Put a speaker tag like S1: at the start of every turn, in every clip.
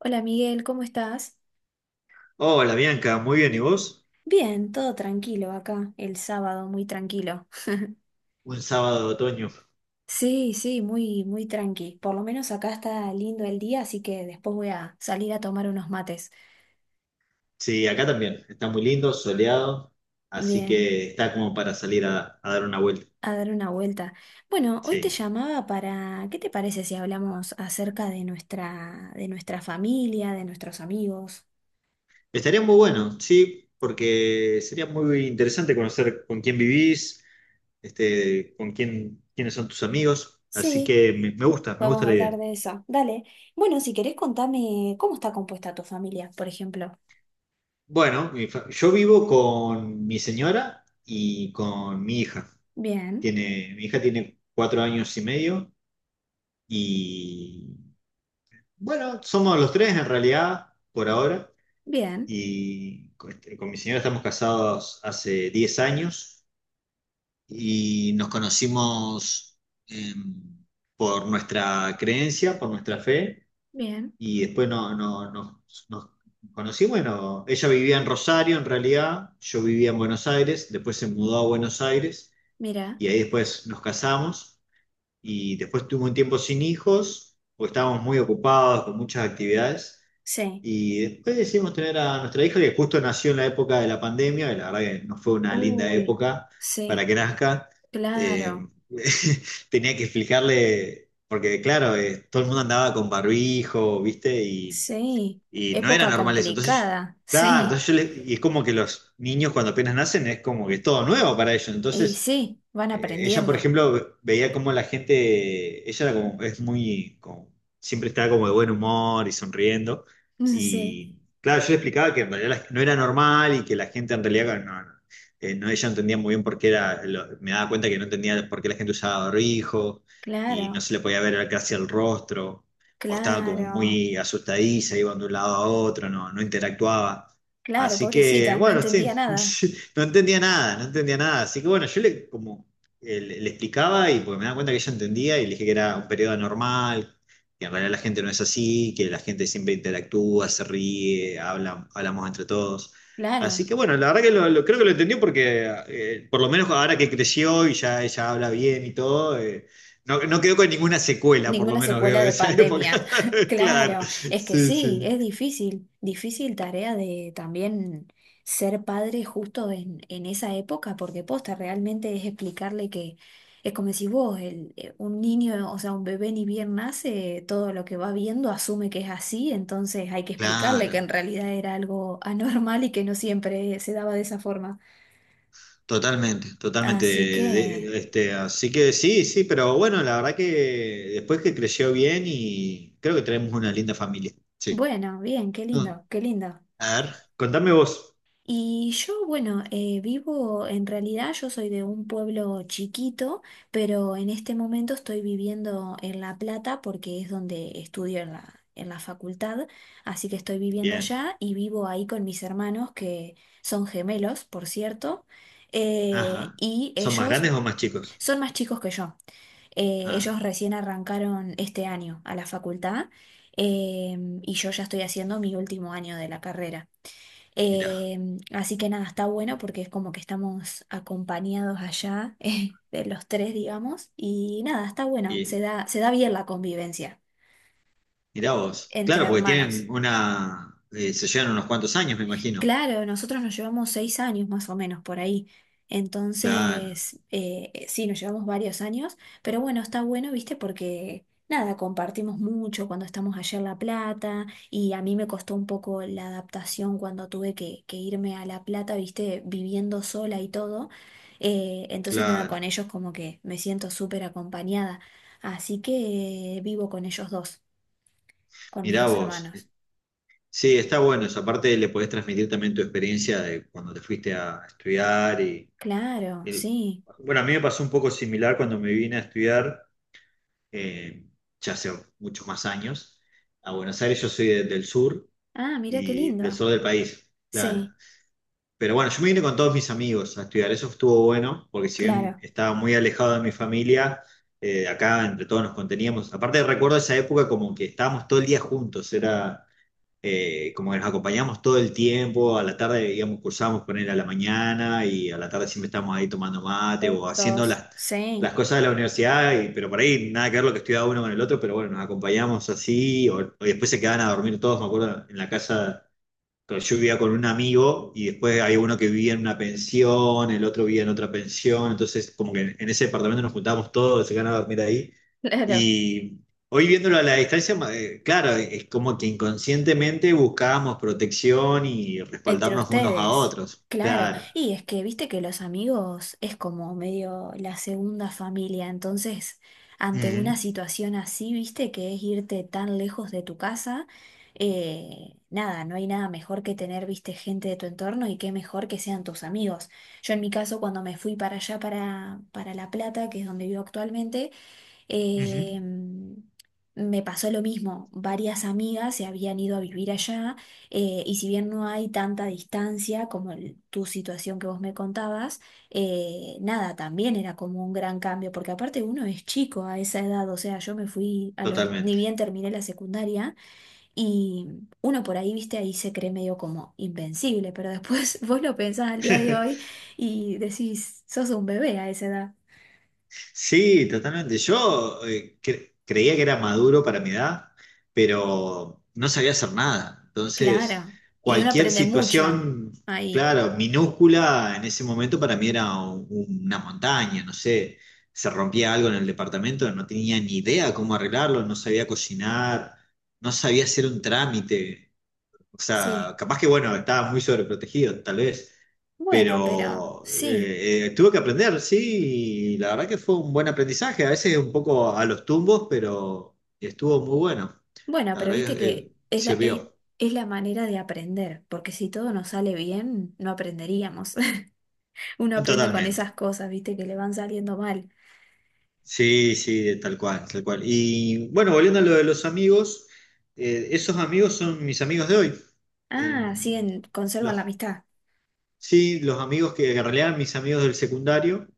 S1: Hola Miguel, ¿cómo estás?
S2: Hola Bianca, muy bien, ¿y vos?
S1: Bien, todo tranquilo acá, el sábado, muy tranquilo.
S2: Un sábado de otoño.
S1: Sí, sí, muy, muy tranqui. Por lo menos acá está lindo el día, así que después voy a salir a tomar unos mates.
S2: Sí, acá también, está muy lindo, soleado, así
S1: Bien,
S2: que está como para salir a dar una vuelta.
S1: a dar una vuelta. Bueno, hoy te
S2: Sí,
S1: llamaba para, ¿qué te parece si hablamos acerca de nuestra familia, de nuestros amigos?
S2: estaría muy bueno, sí, porque sería muy interesante conocer con quién vivís, con quién, quiénes son tus amigos, así
S1: Sí,
S2: que me, me gusta, me
S1: vamos
S2: gusta
S1: a
S2: la
S1: hablar
S2: idea.
S1: de eso. Dale. Bueno, si querés contame cómo está compuesta tu familia, por ejemplo.
S2: Bueno, yo vivo con mi señora y con mi hija.
S1: Bien,
S2: Mi hija tiene 4 años y medio. Y Bueno, somos los tres en realidad, por ahora.
S1: bien,
S2: Y con mi señora estamos casados hace 10 años y nos conocimos em, por nuestra creencia, por nuestra fe.
S1: bien.
S2: Y después nos conocimos. Bueno, ella vivía en Rosario en realidad, yo vivía en Buenos Aires, después se mudó a Buenos Aires
S1: Mira.
S2: y ahí después nos casamos. Y después tuve un tiempo sin hijos, porque estábamos muy ocupados con muchas actividades.
S1: Sí,
S2: Y después decidimos tener a nuestra hija que justo nació en la época de la pandemia, y la verdad que no fue una linda
S1: uy,
S2: época para
S1: sí,
S2: que nazca. Eh,
S1: claro,
S2: tenía que explicarle, porque claro, todo el mundo andaba con barbijo, ¿viste? Y,
S1: sí,
S2: y no era
S1: época
S2: normal eso. Entonces,
S1: complicada,
S2: claro,
S1: sí,
S2: entonces y es como que los niños cuando apenas nacen es como que es todo nuevo para ellos.
S1: y
S2: Entonces,
S1: sí, van
S2: ella, por
S1: aprendiendo,
S2: ejemplo, veía como la gente, ella era como, es muy, siempre estaba como de buen humor y sonriendo.
S1: sí,
S2: Y claro, yo le explicaba que en realidad no era normal y que la gente en realidad no, ella no entendía muy bien por qué era, me daba cuenta que no entendía por qué la gente usaba barbijo y no
S1: claro,
S2: se le podía ver casi el rostro, o estaba como
S1: claro,
S2: muy asustadiza, iba de un lado a otro, no interactuaba.
S1: claro,
S2: Así que,
S1: pobrecita, no
S2: bueno,
S1: entendía
S2: sí,
S1: nada,
S2: no entendía nada, no entendía nada. Así que bueno, yo le como le explicaba y porque me daba cuenta que ella entendía y le dije que era un periodo anormal, que en realidad la gente no es así, que la gente siempre interactúa, se ríe, habla, hablamos entre todos.
S1: claro.
S2: Así que bueno, la verdad que creo que lo entendió porque por lo menos ahora que creció y ya ella habla bien y todo, no quedó con ninguna secuela, por lo
S1: Ninguna
S2: menos veo
S1: secuela
S2: de
S1: de
S2: esa época.
S1: pandemia.
S2: Claro,
S1: Claro, es que
S2: sí,
S1: sí,
S2: sí.
S1: es difícil, difícil tarea de también ser padre justo en esa época, porque posta realmente es explicarle que es como decís vos, un niño, o sea, un bebé ni bien nace, todo lo que va viendo asume que es así, entonces hay que explicarle
S2: Claro.
S1: que en realidad era algo anormal y que no siempre se daba de esa forma.
S2: Totalmente, totalmente.
S1: Así que,
S2: Así que sí, sí, pero bueno, la verdad que después que creció bien y creo que tenemos una linda familia. Sí.
S1: bueno, bien, qué
S2: Ah,
S1: lindo, qué lindo.
S2: a ver, contame vos.
S1: Y yo, bueno, vivo, en realidad yo soy de un pueblo chiquito, pero en este momento estoy viviendo en La Plata porque es donde estudio en la facultad, así que estoy viviendo
S2: Bien.
S1: allá y vivo ahí con mis hermanos que son gemelos, por cierto,
S2: Ajá.
S1: y
S2: ¿Son más
S1: ellos
S2: grandes o más chicos?
S1: son más chicos que yo. Eh,
S2: Ah,
S1: ellos recién arrancaron este año a la facultad, y yo ya estoy haciendo mi último año de la carrera.
S2: mirá.
S1: Así que nada, está bueno porque es como que estamos acompañados allá, de los tres, digamos, y nada, está bueno, se
S2: Y,
S1: da, se da bien la convivencia
S2: mirá vos.
S1: entre
S2: Claro, porque
S1: hermanos.
S2: tienen se llevan unos cuantos años, me imagino.
S1: Claro, nosotros nos llevamos 6 años más o menos por ahí.
S2: Claro,
S1: Entonces, sí, nos llevamos varios años, pero bueno, está bueno, ¿viste? Porque nada, compartimos mucho cuando estamos allá en La Plata y a mí me costó un poco la adaptación cuando tuve que, irme a La Plata, ¿viste? Viviendo sola y todo. Entonces, nada, con
S2: claro.
S1: ellos como que me siento súper acompañada. Así que vivo con ellos dos, con mis
S2: Mirá
S1: dos
S2: vos.
S1: hermanos.
S2: Sí, está bueno. Esa parte le podés transmitir también tu experiencia de cuando te fuiste a estudiar y
S1: Claro,
S2: el-
S1: sí.
S2: bueno, a mí me pasó un poco similar cuando me vine a estudiar, eh, ya hace muchos más años, a Buenos Aires. Yo soy del sur
S1: Ah, mira qué
S2: y del
S1: lindo.
S2: sur del país, claro.
S1: Sí.
S2: Pero bueno, yo me vine con todos mis amigos a estudiar. Eso estuvo bueno, porque si bien
S1: Claro,
S2: estaba muy alejado de mi familia, acá entre todos nos conteníamos. Aparte recuerdo esa época como que estábamos todo el día juntos, era como que nos acompañamos todo el tiempo, a la tarde, digamos, cursábamos con él a la mañana y a la tarde siempre estábamos ahí tomando mate o haciendo
S1: juntos,
S2: las
S1: sí,
S2: cosas de la universidad, pero por ahí nada que ver lo que estudiaba uno con el otro, pero bueno, nos acompañamos así, o después se quedaban a dormir todos, me acuerdo, en la casa, pero yo vivía con un amigo y después había uno que vivía en una pensión, el otro vivía en otra pensión, entonces como que en ese departamento nos juntábamos todos, se ganaba dormir ahí.
S1: claro,
S2: Y hoy viéndolo a la distancia, claro, es como que inconscientemente buscábamos protección y
S1: entre
S2: respaldarnos unos a
S1: ustedes,
S2: otros,
S1: claro.
S2: claro.
S1: Y es que viste que los amigos es como medio la segunda familia, entonces ante una
S2: Ujú,
S1: situación así, viste que es irte tan lejos de tu casa, nada, no hay nada mejor que tener, viste, gente de tu entorno y qué mejor que sean tus amigos. Yo en mi caso, cuando me fui para allá, para La Plata, que es donde vivo actualmente.
S2: ujú.
S1: Eh, me pasó lo mismo, varias amigas se habían ido a vivir allá, y si bien no hay tanta distancia como tu situación que vos me contabas, nada, también era como un gran cambio, porque aparte uno es chico a esa edad, o sea, yo me fui ni
S2: Totalmente.
S1: bien terminé la secundaria, y uno por ahí, viste, ahí se cree medio como invencible, pero después vos lo pensás al día de hoy y decís, sos un bebé a esa edad.
S2: Sí, totalmente. Yo creía que era maduro para mi edad, pero no sabía hacer nada. Entonces,
S1: Claro, y uno
S2: cualquier
S1: aprende mucho
S2: situación,
S1: ahí.
S2: claro, minúscula en ese momento para mí era una montaña, no sé, se rompía algo en el departamento, no tenía ni idea cómo arreglarlo, no sabía cocinar, no sabía hacer un trámite. O
S1: Sí,
S2: sea, capaz que bueno, estaba muy sobreprotegido, tal vez,
S1: bueno, pero
S2: pero
S1: sí,
S2: tuve que aprender, sí, y la verdad que fue un buen aprendizaje, a veces un poco a los tumbos, pero estuvo muy bueno.
S1: bueno,
S2: La
S1: pero
S2: verdad
S1: viste
S2: que
S1: que es la, e-
S2: sirvió.
S1: es, la manera de aprender, porque si todo nos sale bien, no aprenderíamos. Uno aprende con
S2: Totalmente.
S1: esas cosas, viste, que le van saliendo mal.
S2: Sí, sí, tal cual, tal cual. Y bueno, volviendo a lo de los amigos, esos amigos son mis amigos de hoy.
S1: Ah,
S2: Em,
S1: siguen, conservan la
S2: los,
S1: amistad.
S2: sí, los amigos que en realidad eran mis amigos del secundario.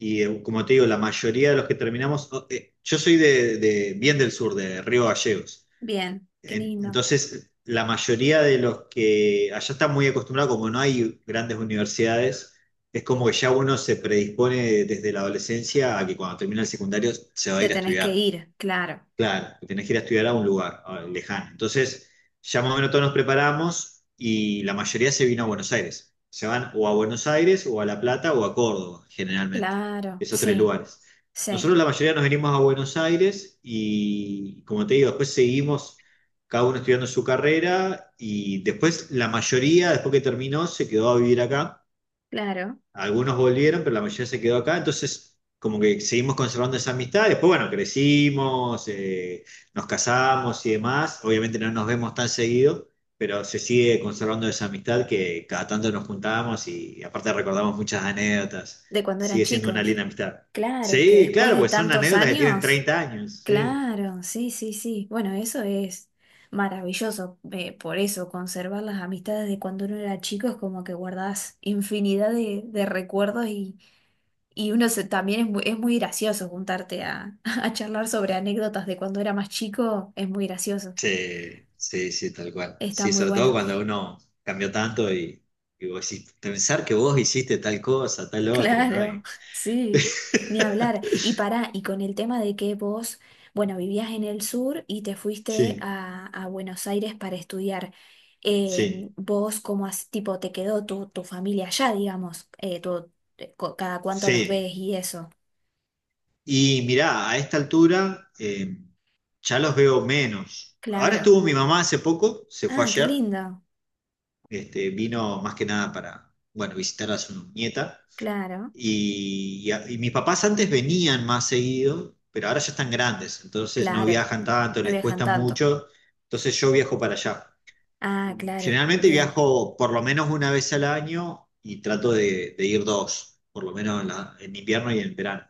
S2: Y como te digo, la mayoría de los que terminamos, yo soy de, bien del sur, de Río Gallegos.
S1: Bien, qué lindo.
S2: Entonces, la mayoría de los que allá están muy acostumbrados, como no hay grandes universidades, es como que ya uno se predispone desde la adolescencia a que cuando termina el secundario se va a
S1: Te
S2: ir a
S1: tenés que
S2: estudiar.
S1: ir, claro,
S2: Claro, tenés que ir a estudiar a un lugar lejano. Entonces, ya más o menos todos nos preparamos y la mayoría se vino a Buenos Aires. Se van o a Buenos Aires o a La Plata o a Córdoba, generalmente,
S1: claro,
S2: esos tres
S1: sí,
S2: lugares. Nosotros
S1: sí,
S2: la mayoría nos venimos a Buenos Aires y, como te digo, después seguimos cada uno estudiando su carrera y después la mayoría, después que terminó, se quedó a vivir acá.
S1: claro.
S2: Algunos volvieron, pero la mayoría se quedó acá, entonces como que seguimos conservando esa amistad. Después, bueno, crecimos, nos casamos y demás. Obviamente no nos vemos tan seguido, pero se sigue conservando esa amistad que cada tanto nos juntábamos y, aparte recordamos muchas anécdotas.
S1: De cuando eran
S2: Sigue siendo una
S1: chicos.
S2: linda amistad.
S1: Claro, es que
S2: Sí,
S1: después
S2: claro,
S1: de
S2: pues son
S1: tantos
S2: anécdotas que tienen
S1: años.
S2: 30 años. Sí,
S1: Claro, sí, sí, sí. Bueno, eso es maravilloso. Por eso, conservar las amistades de cuando uno era chico es como que guardás infinidad de, recuerdos, y uno también es muy gracioso juntarte a, a charlar sobre anécdotas de cuando era más chico. Es muy gracioso.
S2: sí, sí, sí, tal cual.
S1: Está
S2: Sí,
S1: muy
S2: sobre todo
S1: bueno.
S2: cuando uno cambió tanto y vos decís, pensar que vos hiciste tal cosa, tal otro, ¿no?
S1: Claro, sí, ni hablar. Y para y con el tema de que vos, bueno, vivías en el sur y te fuiste
S2: Sí,
S1: a, Buenos Aires para estudiar, eh,
S2: sí,
S1: vos como tipo te quedó tu familia allá, digamos, cada cuánto los
S2: sí.
S1: ves y eso.
S2: Y mirá, a esta altura ya los veo menos. Ahora
S1: Claro.
S2: estuvo mi mamá hace poco, se fue
S1: Ah, qué
S2: ayer,
S1: lindo.
S2: vino más que nada para, bueno, visitar a su nieta.
S1: Claro,
S2: Y mis papás antes venían más seguido, pero ahora ya están grandes, entonces no
S1: claro.
S2: viajan tanto,
S1: No
S2: les
S1: viajan
S2: cuesta
S1: tanto.
S2: mucho, entonces yo viajo para allá.
S1: Ah, claro,
S2: Generalmente
S1: bien,
S2: viajo por lo menos una vez al año y trato de ir dos, por lo menos en invierno y en verano.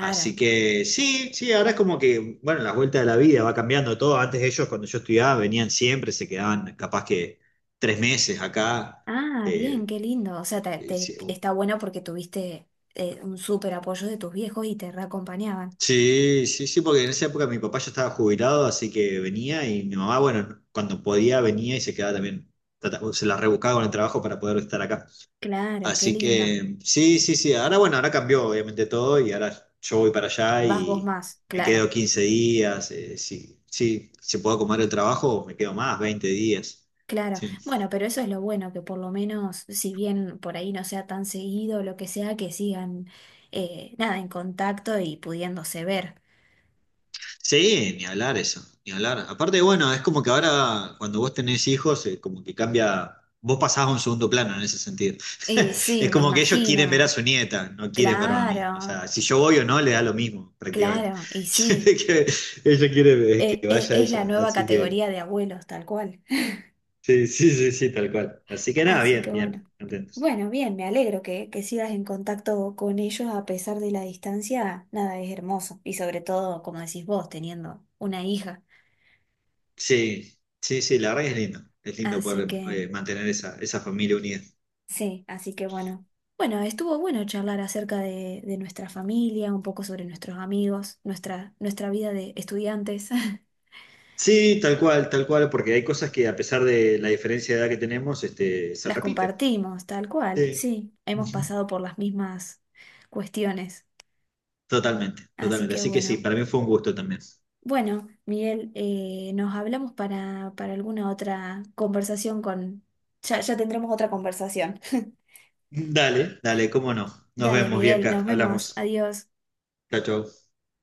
S2: Así que sí, sí, ahora es como que, bueno, las vueltas de la vida va cambiando todo. Antes ellos, cuando yo estudiaba, venían siempre, se quedaban capaz que 3 meses acá.
S1: Ah, bien,
S2: eh,
S1: qué lindo. O sea, te,
S2: sí,
S1: está bueno porque tuviste un súper apoyo de tus viejos y te reacompañaban.
S2: sí, sí, sí, porque en esa época mi papá ya estaba jubilado, así que venía y mi mamá, bueno, cuando podía venía y se quedaba también. Se la rebuscaba con el trabajo para poder estar acá.
S1: Claro, qué
S2: Así
S1: lindo.
S2: que sí, sí, sí. Ahora bueno, ahora cambió obviamente todo y ahora yo voy para allá
S1: Vas vos
S2: y
S1: más,
S2: me
S1: claro,
S2: quedo 15 días. Sí, sí, si puedo comer el trabajo, me quedo más, 20 días.
S1: claro.
S2: Sí.
S1: Bueno, pero eso es lo bueno, que por lo menos, si bien por ahí no sea tan seguido, lo que sea, que sigan, nada, en contacto y pudiéndose ver.
S2: Sí, ni hablar eso, ni hablar. Aparte, bueno, es como que ahora cuando vos tenés hijos, como que cambia, vos pasás a un segundo plano en ese sentido.
S1: Y sí,
S2: Es
S1: me
S2: como que ellos quieren ver a
S1: imagino.
S2: su nieta, no quieren verme a mí. O
S1: Claro,
S2: sea, si yo voy o no, le da lo mismo, prácticamente.
S1: claro, y sí.
S2: Que Ella quiere
S1: E-
S2: que
S1: e-
S2: vaya
S1: es la
S2: ella,
S1: nueva
S2: así que...
S1: categoría de abuelos, tal cual.
S2: Sí, sí, sí, sí, tal cual. Así que nada,
S1: Así
S2: bien,
S1: que bueno.
S2: bien, contentos.
S1: Bueno, bien, me alegro que, sigas en contacto con ellos a pesar de la distancia. Nada, es hermoso. Y sobre todo, como decís vos, teniendo una hija.
S2: Sí, sí, sí, la verdad que es lindo. Es lindo
S1: Así
S2: poder
S1: que,
S2: mantener esa, familia unida.
S1: sí, así que bueno. Bueno, estuvo bueno charlar acerca de, nuestra familia, un poco sobre nuestros amigos, nuestra vida de estudiantes.
S2: Sí, tal cual, porque hay cosas que a pesar de la diferencia de edad que tenemos, se
S1: Las
S2: repiten.
S1: compartimos, tal cual,
S2: Sí.
S1: sí. Hemos
S2: Ujú.
S1: pasado por las mismas cuestiones.
S2: Totalmente,
S1: Así
S2: totalmente.
S1: que
S2: Así que sí,
S1: bueno.
S2: para mí fue un gusto también.
S1: Bueno, Miguel, nos hablamos para, alguna otra conversación con... Ya, ya tendremos otra conversación.
S2: Dale, dale, cómo no. Nos
S1: Dale,
S2: vemos,
S1: Miguel, nos
S2: Bianca,
S1: vemos.
S2: hablamos.
S1: Adiós.
S2: Chao, chao.